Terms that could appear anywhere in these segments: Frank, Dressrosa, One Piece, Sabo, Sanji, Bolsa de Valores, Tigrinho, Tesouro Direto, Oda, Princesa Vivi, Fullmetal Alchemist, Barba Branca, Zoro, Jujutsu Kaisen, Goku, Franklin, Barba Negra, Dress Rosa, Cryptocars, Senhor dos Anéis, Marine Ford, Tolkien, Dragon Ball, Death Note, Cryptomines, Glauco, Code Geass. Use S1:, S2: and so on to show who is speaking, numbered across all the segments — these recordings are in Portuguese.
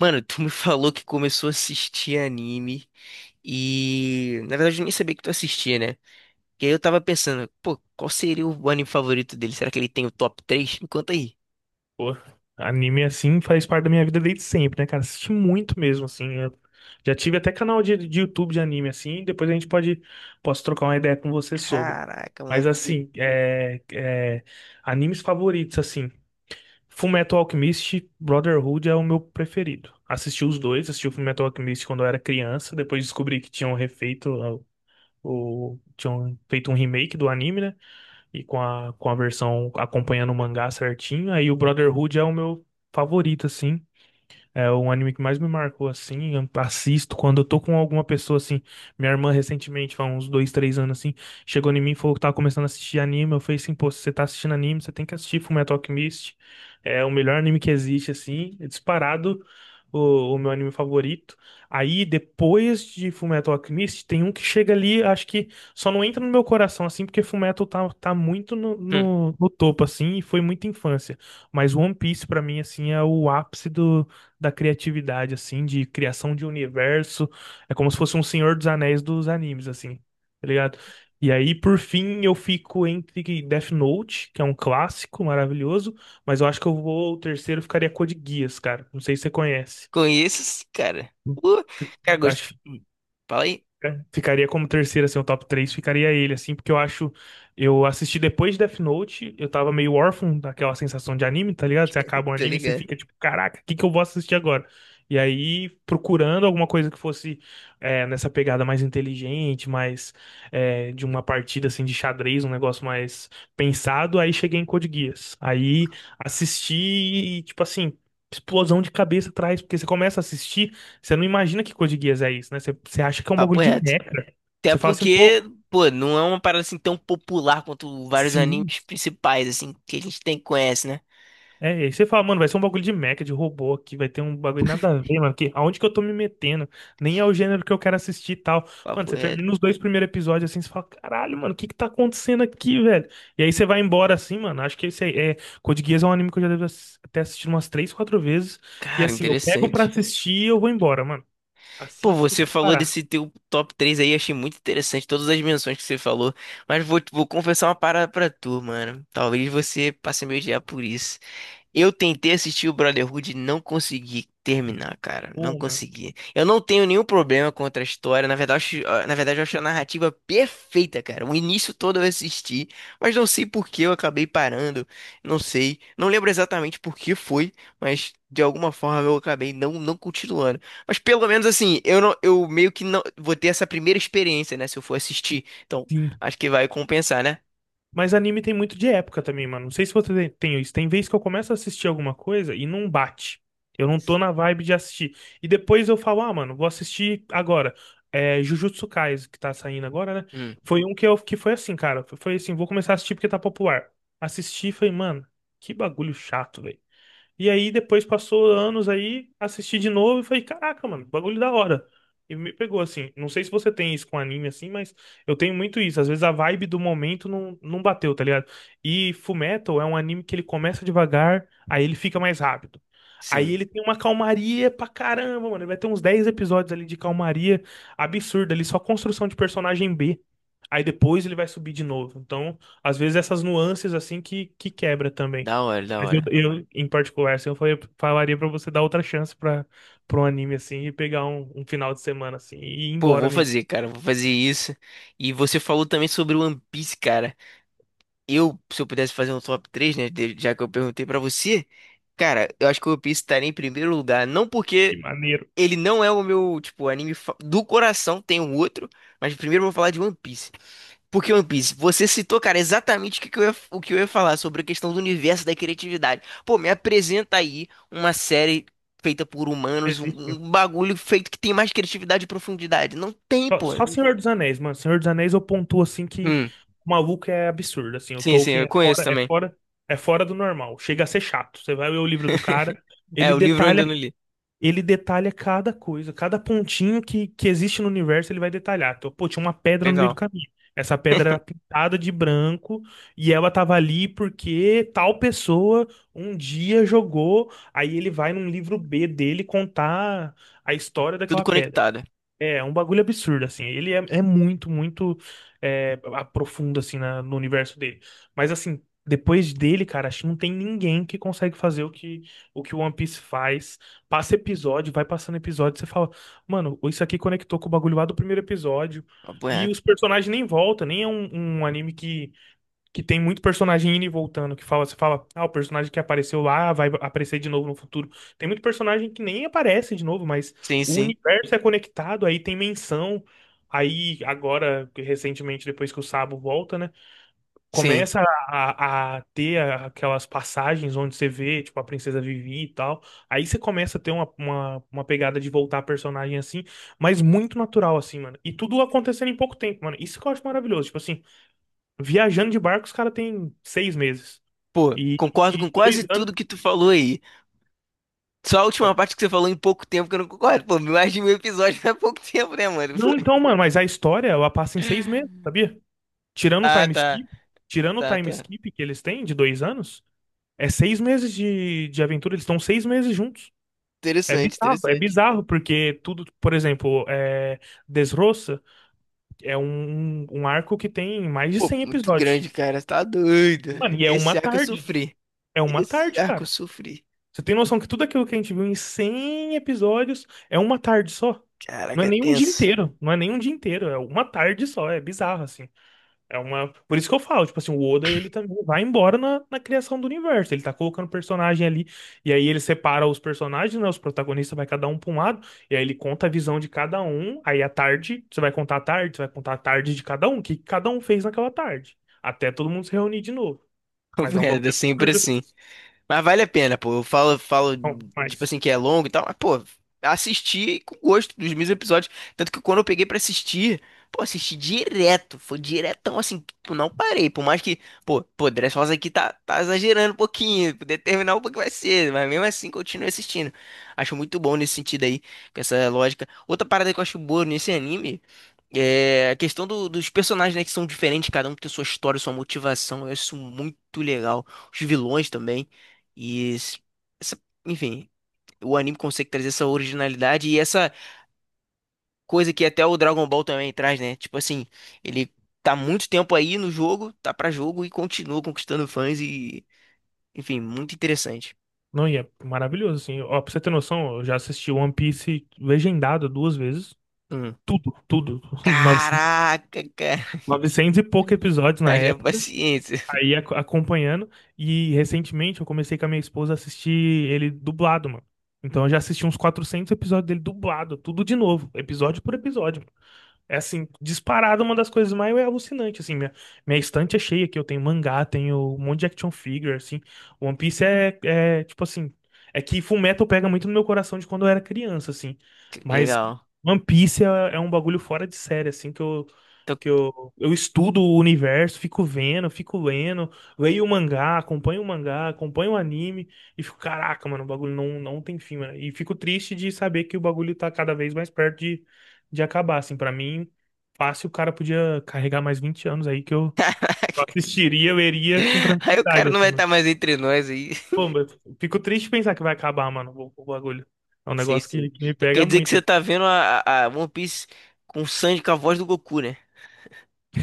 S1: Mano, tu me falou que começou a assistir anime e, na verdade, eu nem sabia que tu assistia, né? E aí eu tava pensando, pô, qual seria o anime favorito dele? Será que ele tem o top três? Me conta aí.
S2: Pô, anime assim faz parte da minha vida desde sempre, né, cara? Assisti muito mesmo, assim. Eu já tive até canal de YouTube de anime, assim. Depois a gente posso trocar uma ideia com você sobre.
S1: Caraca,
S2: Mas,
S1: maneiro.
S2: assim, animes favoritos, assim. Fullmetal Alchemist, Brotherhood é o meu preferido. Assisti os dois, assisti o Fullmetal Alchemist quando eu era criança. Depois descobri que tinham tinham feito um remake do anime, né? E com a versão acompanhando o mangá certinho. Aí o Brotherhood é o meu favorito, assim. É o anime que mais me marcou, assim, eu assisto quando eu tô com alguma pessoa, assim, minha irmã recentemente, há uns dois, três anos, assim, chegou em mim e falou que tava começando a assistir anime, eu falei assim, pô, se você tá assistindo anime, você tem que assistir Fullmetal Alchemist, é o melhor anime que existe, assim, é disparado o meu anime favorito. Aí, depois de Fullmetal Alchemist, tem um que chega ali, acho que só não entra no meu coração, assim, porque Fullmetal tá muito no,
S1: Hum,
S2: no, no topo, assim, e foi muita infância. Mas One Piece, pra mim, assim, é o ápice do da criatividade, assim, de criação de universo. É como se fosse um Senhor dos Anéis dos animes, assim, tá ligado? E aí, por fim, eu fico entre Death Note, que é um clássico maravilhoso, mas eu acho que o terceiro ficaria Code Geass, cara. Não sei se você conhece.
S1: conheço esse cara. Cara, gosto.
S2: Acho,
S1: Fala aí.
S2: Ficaria como terceiro, assim, o top 3 ficaria ele, assim, porque eu acho. Eu assisti depois de Death Note, eu tava meio órfão daquela sensação de anime, tá ligado? Você acaba um
S1: Tô
S2: anime e você
S1: ligado.
S2: fica tipo, caraca, o que que eu vou assistir agora? E aí, procurando alguma coisa que fosse nessa pegada mais inteligente, mais de uma partida assim de xadrez, um negócio mais pensado, aí cheguei em Code Geass. Aí assisti e, tipo assim, explosão de cabeça atrás, porque você começa a assistir. Você não imagina que Code Geass é isso, né? Você acha que é um bagulho
S1: Papo
S2: de
S1: reto.
S2: mecha.
S1: Até
S2: Você fala assim,
S1: porque,
S2: pô,
S1: pô, não é uma parada assim tão popular quanto vários
S2: sim.
S1: animes principais, assim, que a gente tem conhece, né?
S2: É, e aí você fala, mano, vai ser um bagulho de mecha, de robô aqui, vai ter um bagulho nada a ver, mano, aonde que eu tô me metendo? Nem é o gênero que eu quero assistir e tal. Mano,
S1: Papo
S2: você
S1: reto.
S2: termina os dois primeiros episódios assim, você fala, caralho, mano, o que que tá acontecendo aqui, velho? E aí você vai embora assim, mano, acho que esse aí, Code Geass é um anime que eu já devo ter assistido umas três, quatro vezes, e
S1: Cara,
S2: assim, eu pego pra
S1: interessante.
S2: assistir e eu vou embora, mano.
S1: Pô,
S2: Assisto
S1: você
S2: sem
S1: falou
S2: parar.
S1: desse teu top 3 aí, achei muito interessante todas as menções que você falou, mas vou confessar uma parada pra tu, mano. Talvez você passe a me odiar por isso. Eu tentei assistir o Brotherhood e não consegui terminar, cara. Não
S2: Pô, mano,
S1: consegui. Eu não tenho nenhum problema contra a história. Na verdade, ah, na verdade, eu acho a narrativa perfeita, cara. O início todo eu assisti, mas não sei por que eu acabei parando. Não sei. Não lembro exatamente por que foi, mas de alguma forma eu acabei não continuando. Mas pelo menos assim, eu não, eu meio que não vou ter essa primeira experiência, né? Se eu for assistir. Então,
S2: sim.
S1: acho que vai compensar, né?
S2: Mas anime tem muito de época também, mano. Não sei se você tem isso. Tem vez que eu começo a assistir alguma coisa e não bate. Eu não tô na vibe de assistir. E depois eu falo, ah, mano, vou assistir agora. É, Jujutsu Kaisen, que tá saindo agora, né?
S1: Hum,
S2: Foi um que foi assim, cara. Foi assim, vou começar a assistir porque tá popular. Assisti e falei, mano, que bagulho chato, velho. E aí depois passou anos aí, assisti de novo e falei, caraca, mano, bagulho da hora. E me pegou assim. Não sei se você tem isso com anime assim, mas eu tenho muito isso. Às vezes a vibe do momento não bateu, tá ligado? E Fullmetal é um anime que ele começa devagar, aí ele fica mais rápido. Aí
S1: sim.
S2: ele tem uma calmaria pra caramba, mano. Ele vai ter uns 10 episódios ali de calmaria absurda ali, só construção de personagem B. Aí depois ele vai subir de novo. Então, às vezes essas nuances assim que quebra também.
S1: Da hora, da
S2: Mas
S1: hora.
S2: em particular, assim, falaria pra você dar outra chance para um anime assim e pegar um, um final de semana assim e ir
S1: Pô,
S2: embora
S1: vou
S2: nele.
S1: fazer, cara, vou fazer isso. E você falou também sobre o One Piece, cara. Eu, se eu pudesse fazer um top 3, né, já que eu perguntei pra você, cara, eu acho que o One Piece estaria em primeiro lugar, não
S2: Que
S1: porque
S2: maneiro.
S1: ele não é o meu, tipo, anime do coração, tem um outro, mas primeiro eu vou falar de One Piece. Porque One Piece, você citou, cara, exatamente o que que eu ia, o que eu ia falar sobre a questão do universo da criatividade. Pô, me apresenta aí uma série feita por humanos, um,
S2: Existe, né?
S1: um bagulho feito que tem mais criatividade e profundidade. Não tem,
S2: Só,
S1: pô.
S2: só Senhor dos Anéis, mano. Senhor dos Anéis eu pontuo assim que
S1: Hum,
S2: o maluco é absurdo, assim. O
S1: sim, sim,
S2: Tolkien
S1: eu
S2: é
S1: conheço
S2: fora, é
S1: também.
S2: fora, é fora do normal. Chega a ser chato. Você vai ler o livro do cara,
S1: É,
S2: ele
S1: o livro eu ainda não
S2: detalha
S1: li.
S2: ele detalha cada coisa, cada pontinho que existe no universo, ele vai detalhar. Então, pô, tinha uma pedra no meio do
S1: Legal.
S2: caminho. Essa pedra era pintada de branco e ela tava ali porque tal pessoa um dia jogou. Aí ele vai num livro B dele contar a história
S1: Tudo
S2: daquela pedra.
S1: conectado.
S2: É um bagulho absurdo, assim. Ele é muito, muito aprofundo, assim, no universo dele. Mas, assim, depois dele, cara, acho que não tem ninguém que consegue fazer o que o One Piece faz. Passa episódio, vai passando episódio, você fala, mano, isso aqui conectou com o bagulho lá do primeiro episódio.
S1: Papo
S2: E os
S1: reto.
S2: personagens nem voltam, nem é um anime que tem muito personagem indo e voltando, que fala, você fala, ah, o personagem que apareceu lá vai aparecer de novo no futuro. Tem muito personagem que nem aparece de novo, mas
S1: Sim,
S2: o
S1: sim,
S2: universo é conectado, aí tem menção. Aí, agora, recentemente, depois que o Sabo volta, né?
S1: sim.
S2: Começa a ter aquelas passagens onde você vê, tipo, a Princesa Vivi e tal. Aí você começa a ter uma pegada de voltar a personagem assim, mas muito natural, assim, mano. E tudo acontecendo em pouco tempo, mano. Isso que eu acho maravilhoso. Tipo assim, viajando de barco, os caras têm 6 meses.
S1: Pô,
S2: E,
S1: concordo com
S2: e
S1: quase
S2: 2 anos.
S1: tudo que tu falou aí. Só a última
S2: pode-
S1: parte que você falou em pouco tempo que eu não concordo. Pô, mais de mil episódios não é pouco tempo, né, mano? Pô.
S2: Não, então, mano, mas a história, ela passa em 6 meses, sabia? Tirando o
S1: Ah,
S2: time
S1: tá,
S2: skip, tirando o
S1: tá,
S2: time
S1: tá.
S2: skip que eles têm de 2 anos, é 6 meses de aventura, eles estão 6 meses juntos.
S1: Interessante,
S2: É
S1: interessante.
S2: bizarro, porque tudo, por exemplo, Dressrosa é um arco que tem mais de
S1: Pô,
S2: 100
S1: muito
S2: episódios.
S1: grande, cara. Tá doido.
S2: Mano, e é uma
S1: Esse arco eu
S2: tarde.
S1: sofri.
S2: É uma
S1: Esse
S2: tarde,
S1: arco eu
S2: cara.
S1: sofri.
S2: Você tem noção que tudo aquilo que a gente viu em 100 episódios é uma tarde só? Não
S1: Caraca,
S2: é
S1: é
S2: nem um dia
S1: tenso.
S2: inteiro, não é nem um dia inteiro, é uma tarde só, é bizarro, assim. É uma. Por isso que eu falo, tipo assim, o Oda, ele também vai embora na criação do universo, ele tá colocando personagem ali, e aí ele separa os personagens, né, os protagonistas vai cada um pra um lado, e aí ele conta a visão de cada um, aí à tarde, você vai contar a tarde de cada um, o que cada um fez naquela tarde, até todo mundo se reunir de novo. Mas
S1: Papo
S2: é um
S1: reto, é
S2: bagulho
S1: sempre
S2: absurdo,
S1: assim. Mas vale a pena, pô. Eu falo, falo,
S2: não,
S1: tipo
S2: mas.
S1: assim, que é longo e tal, mas, pô, assisti com gosto dos mesmos episódios. Tanto que quando eu peguei pra assistir, pô, assisti direto. Foi diretão, assim, tipo, não parei. Por mais que, pô, Dress Rosa aqui tá, tá exagerando um pouquinho, determinar um pouco que vai ser, mas mesmo assim continuo assistindo. Acho muito bom nesse sentido aí, com essa lógica. Outra parada que eu acho boa nesse anime. É a questão dos personagens, né, que são diferentes, cada um tem sua história, sua motivação. Eu acho isso muito legal. Os vilões também. E s- essa- enfim, o anime consegue trazer essa originalidade e essa coisa que até o Dragon Ball também traz, né? Tipo assim, ele tá muito tempo aí no jogo, tá pra jogo e continua conquistando fãs e, enfim, muito interessante.
S2: Não, e é maravilhoso, assim. Ó, pra você ter noção, eu já assisti One Piece legendado duas vezes.
S1: Hum.
S2: Tudo, tudo. 900
S1: Caraca, cara,
S2: 900 e poucos episódios na
S1: haja
S2: época.
S1: paciência.
S2: Aí acompanhando. E recentemente eu comecei com a minha esposa a assistir ele dublado, mano. Então eu já assisti uns 400 episódios dele dublado, tudo de novo, episódio por episódio. É assim, disparado uma das coisas mais alucinantes, assim, minha estante é cheia aqui, eu tenho mangá, tenho um monte de action figure, assim, One Piece é tipo assim, é que Fullmetal pega muito no meu coração de quando eu era criança, assim, mas
S1: Legal.
S2: One Piece é um bagulho fora de série, assim,
S1: Então,
S2: eu estudo o universo, fico vendo, fico lendo, leio o mangá, acompanho o mangá, acompanho o anime, e fico, caraca, mano, o bagulho não tem fim, mano, e fico triste de saber que o bagulho tá cada vez mais perto de acabar, assim, pra mim, fácil o cara podia carregar mais 20 anos aí que eu assistiria, eu iria com
S1: aí o cara
S2: tranquilidade,
S1: não
S2: assim,
S1: vai
S2: mano.
S1: estar mais entre nós aí.
S2: Pô, mas eu fico triste pensar que vai acabar, mano, o bagulho. É um
S1: Sim,
S2: negócio que,
S1: sim.
S2: que me
S1: Então quer
S2: pega
S1: dizer que
S2: muito,
S1: você
S2: assim.
S1: tá vendo a One Piece com o Sanji com a voz do Goku, né?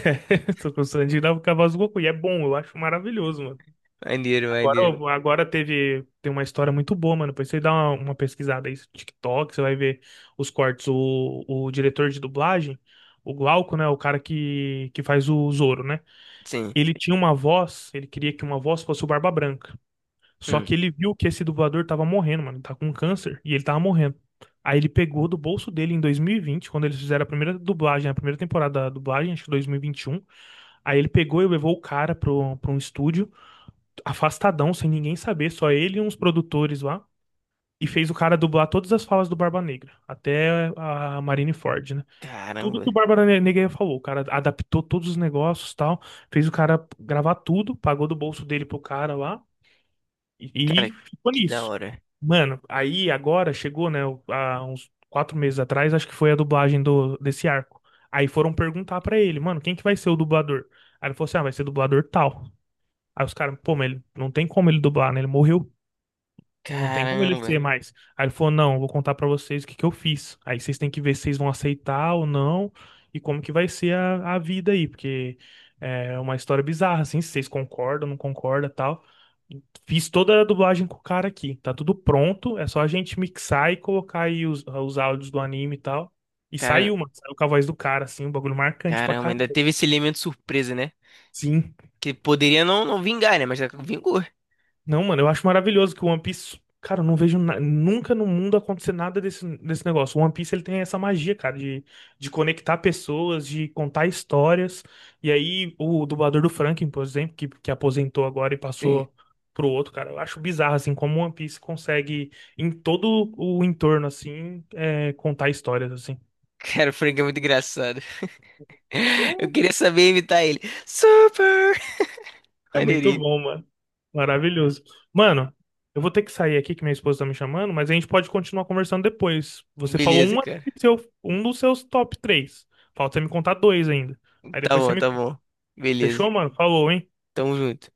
S2: Tô gostando de dar o cavalo do Goku. E é bom, eu acho maravilhoso, mano.
S1: Maneiro, maneiro.
S2: Agora, tem uma história muito boa, mano. Depois você dá uma pesquisada aí no TikTok, você vai ver os cortes. O diretor de dublagem, o Glauco, né? O cara que faz o Zoro, né?
S1: Sim.
S2: Ele tinha uma voz, ele queria que uma voz fosse o Barba Branca. Só
S1: Hum.
S2: que ele viu que esse dublador tava morrendo, mano. Ele tá com câncer e ele tava morrendo. Aí ele pegou do bolso dele em 2020, quando eles fizeram a primeira dublagem, a primeira temporada da dublagem, acho que 2021. Aí ele pegou e levou o cara pra um estúdio, afastadão, sem ninguém saber, só ele e uns produtores lá. E fez o cara dublar todas as falas do Barba Negra, até a Marine Ford, né? Tudo
S1: Caramba.
S2: que o Nogueira falou. O cara adaptou todos os negócios, tal, fez o cara gravar tudo, pagou do bolso dele pro cara lá e,
S1: Cara,
S2: e ficou
S1: que da
S2: nisso.
S1: hora.
S2: Mano, aí agora chegou, né, há uns 4 meses atrás, acho que foi a dublagem do desse arco. Aí foram perguntar pra ele, mano, quem que vai ser o dublador? Aí ele falou assim, ah, vai ser dublador tal. Aí os caras, pô, mas ele, não tem como ele dublar, né? Ele morreu. Não tem como ele ser
S1: Caramba.
S2: mais. Aí ele falou: Não, eu vou contar pra vocês o que que eu fiz. Aí vocês têm que ver se vocês vão aceitar ou não e como que vai ser a vida aí, porque é uma história bizarra, assim, se vocês concordam, não concordam tal. Fiz toda a dublagem com o cara aqui, tá tudo pronto, é só a gente mixar e colocar aí os áudios do anime e tal. E
S1: Cara,
S2: saiu, mano, saiu com a voz do cara, assim, um bagulho marcante pra
S1: caramba,
S2: caramba.
S1: ainda teve esse elemento surpresa, né?
S2: Sim.
S1: Que poderia não vingar, né? Mas vingou.
S2: Não, mano, eu acho maravilhoso que o One Piece. Cara, eu não vejo nunca no mundo acontecer nada desse negócio. O One Piece ele tem essa magia, cara, de conectar pessoas, de contar histórias. E aí, o dublador do Franklin, por exemplo, que aposentou agora e
S1: Tem-
S2: passou pro outro, cara, eu acho bizarro, assim, como o One Piece consegue, em todo o entorno, assim, contar histórias, assim.
S1: Cara, o Frank é muito engraçado. Eu queria saber imitar ele. Super!
S2: É muito
S1: Maneirinho.
S2: bom, mano. Maravilhoso. Mano, eu vou ter que sair aqui que minha esposa tá me chamando, mas a gente pode continuar conversando depois. Você falou
S1: Beleza,
S2: um, aqui
S1: cara.
S2: do seu, um dos seus top três. Falta você me contar dois ainda. Aí
S1: Tá
S2: depois você
S1: bom,
S2: me.
S1: tá bom. Beleza.
S2: Fechou, mano? Falou, hein?
S1: Tamo junto.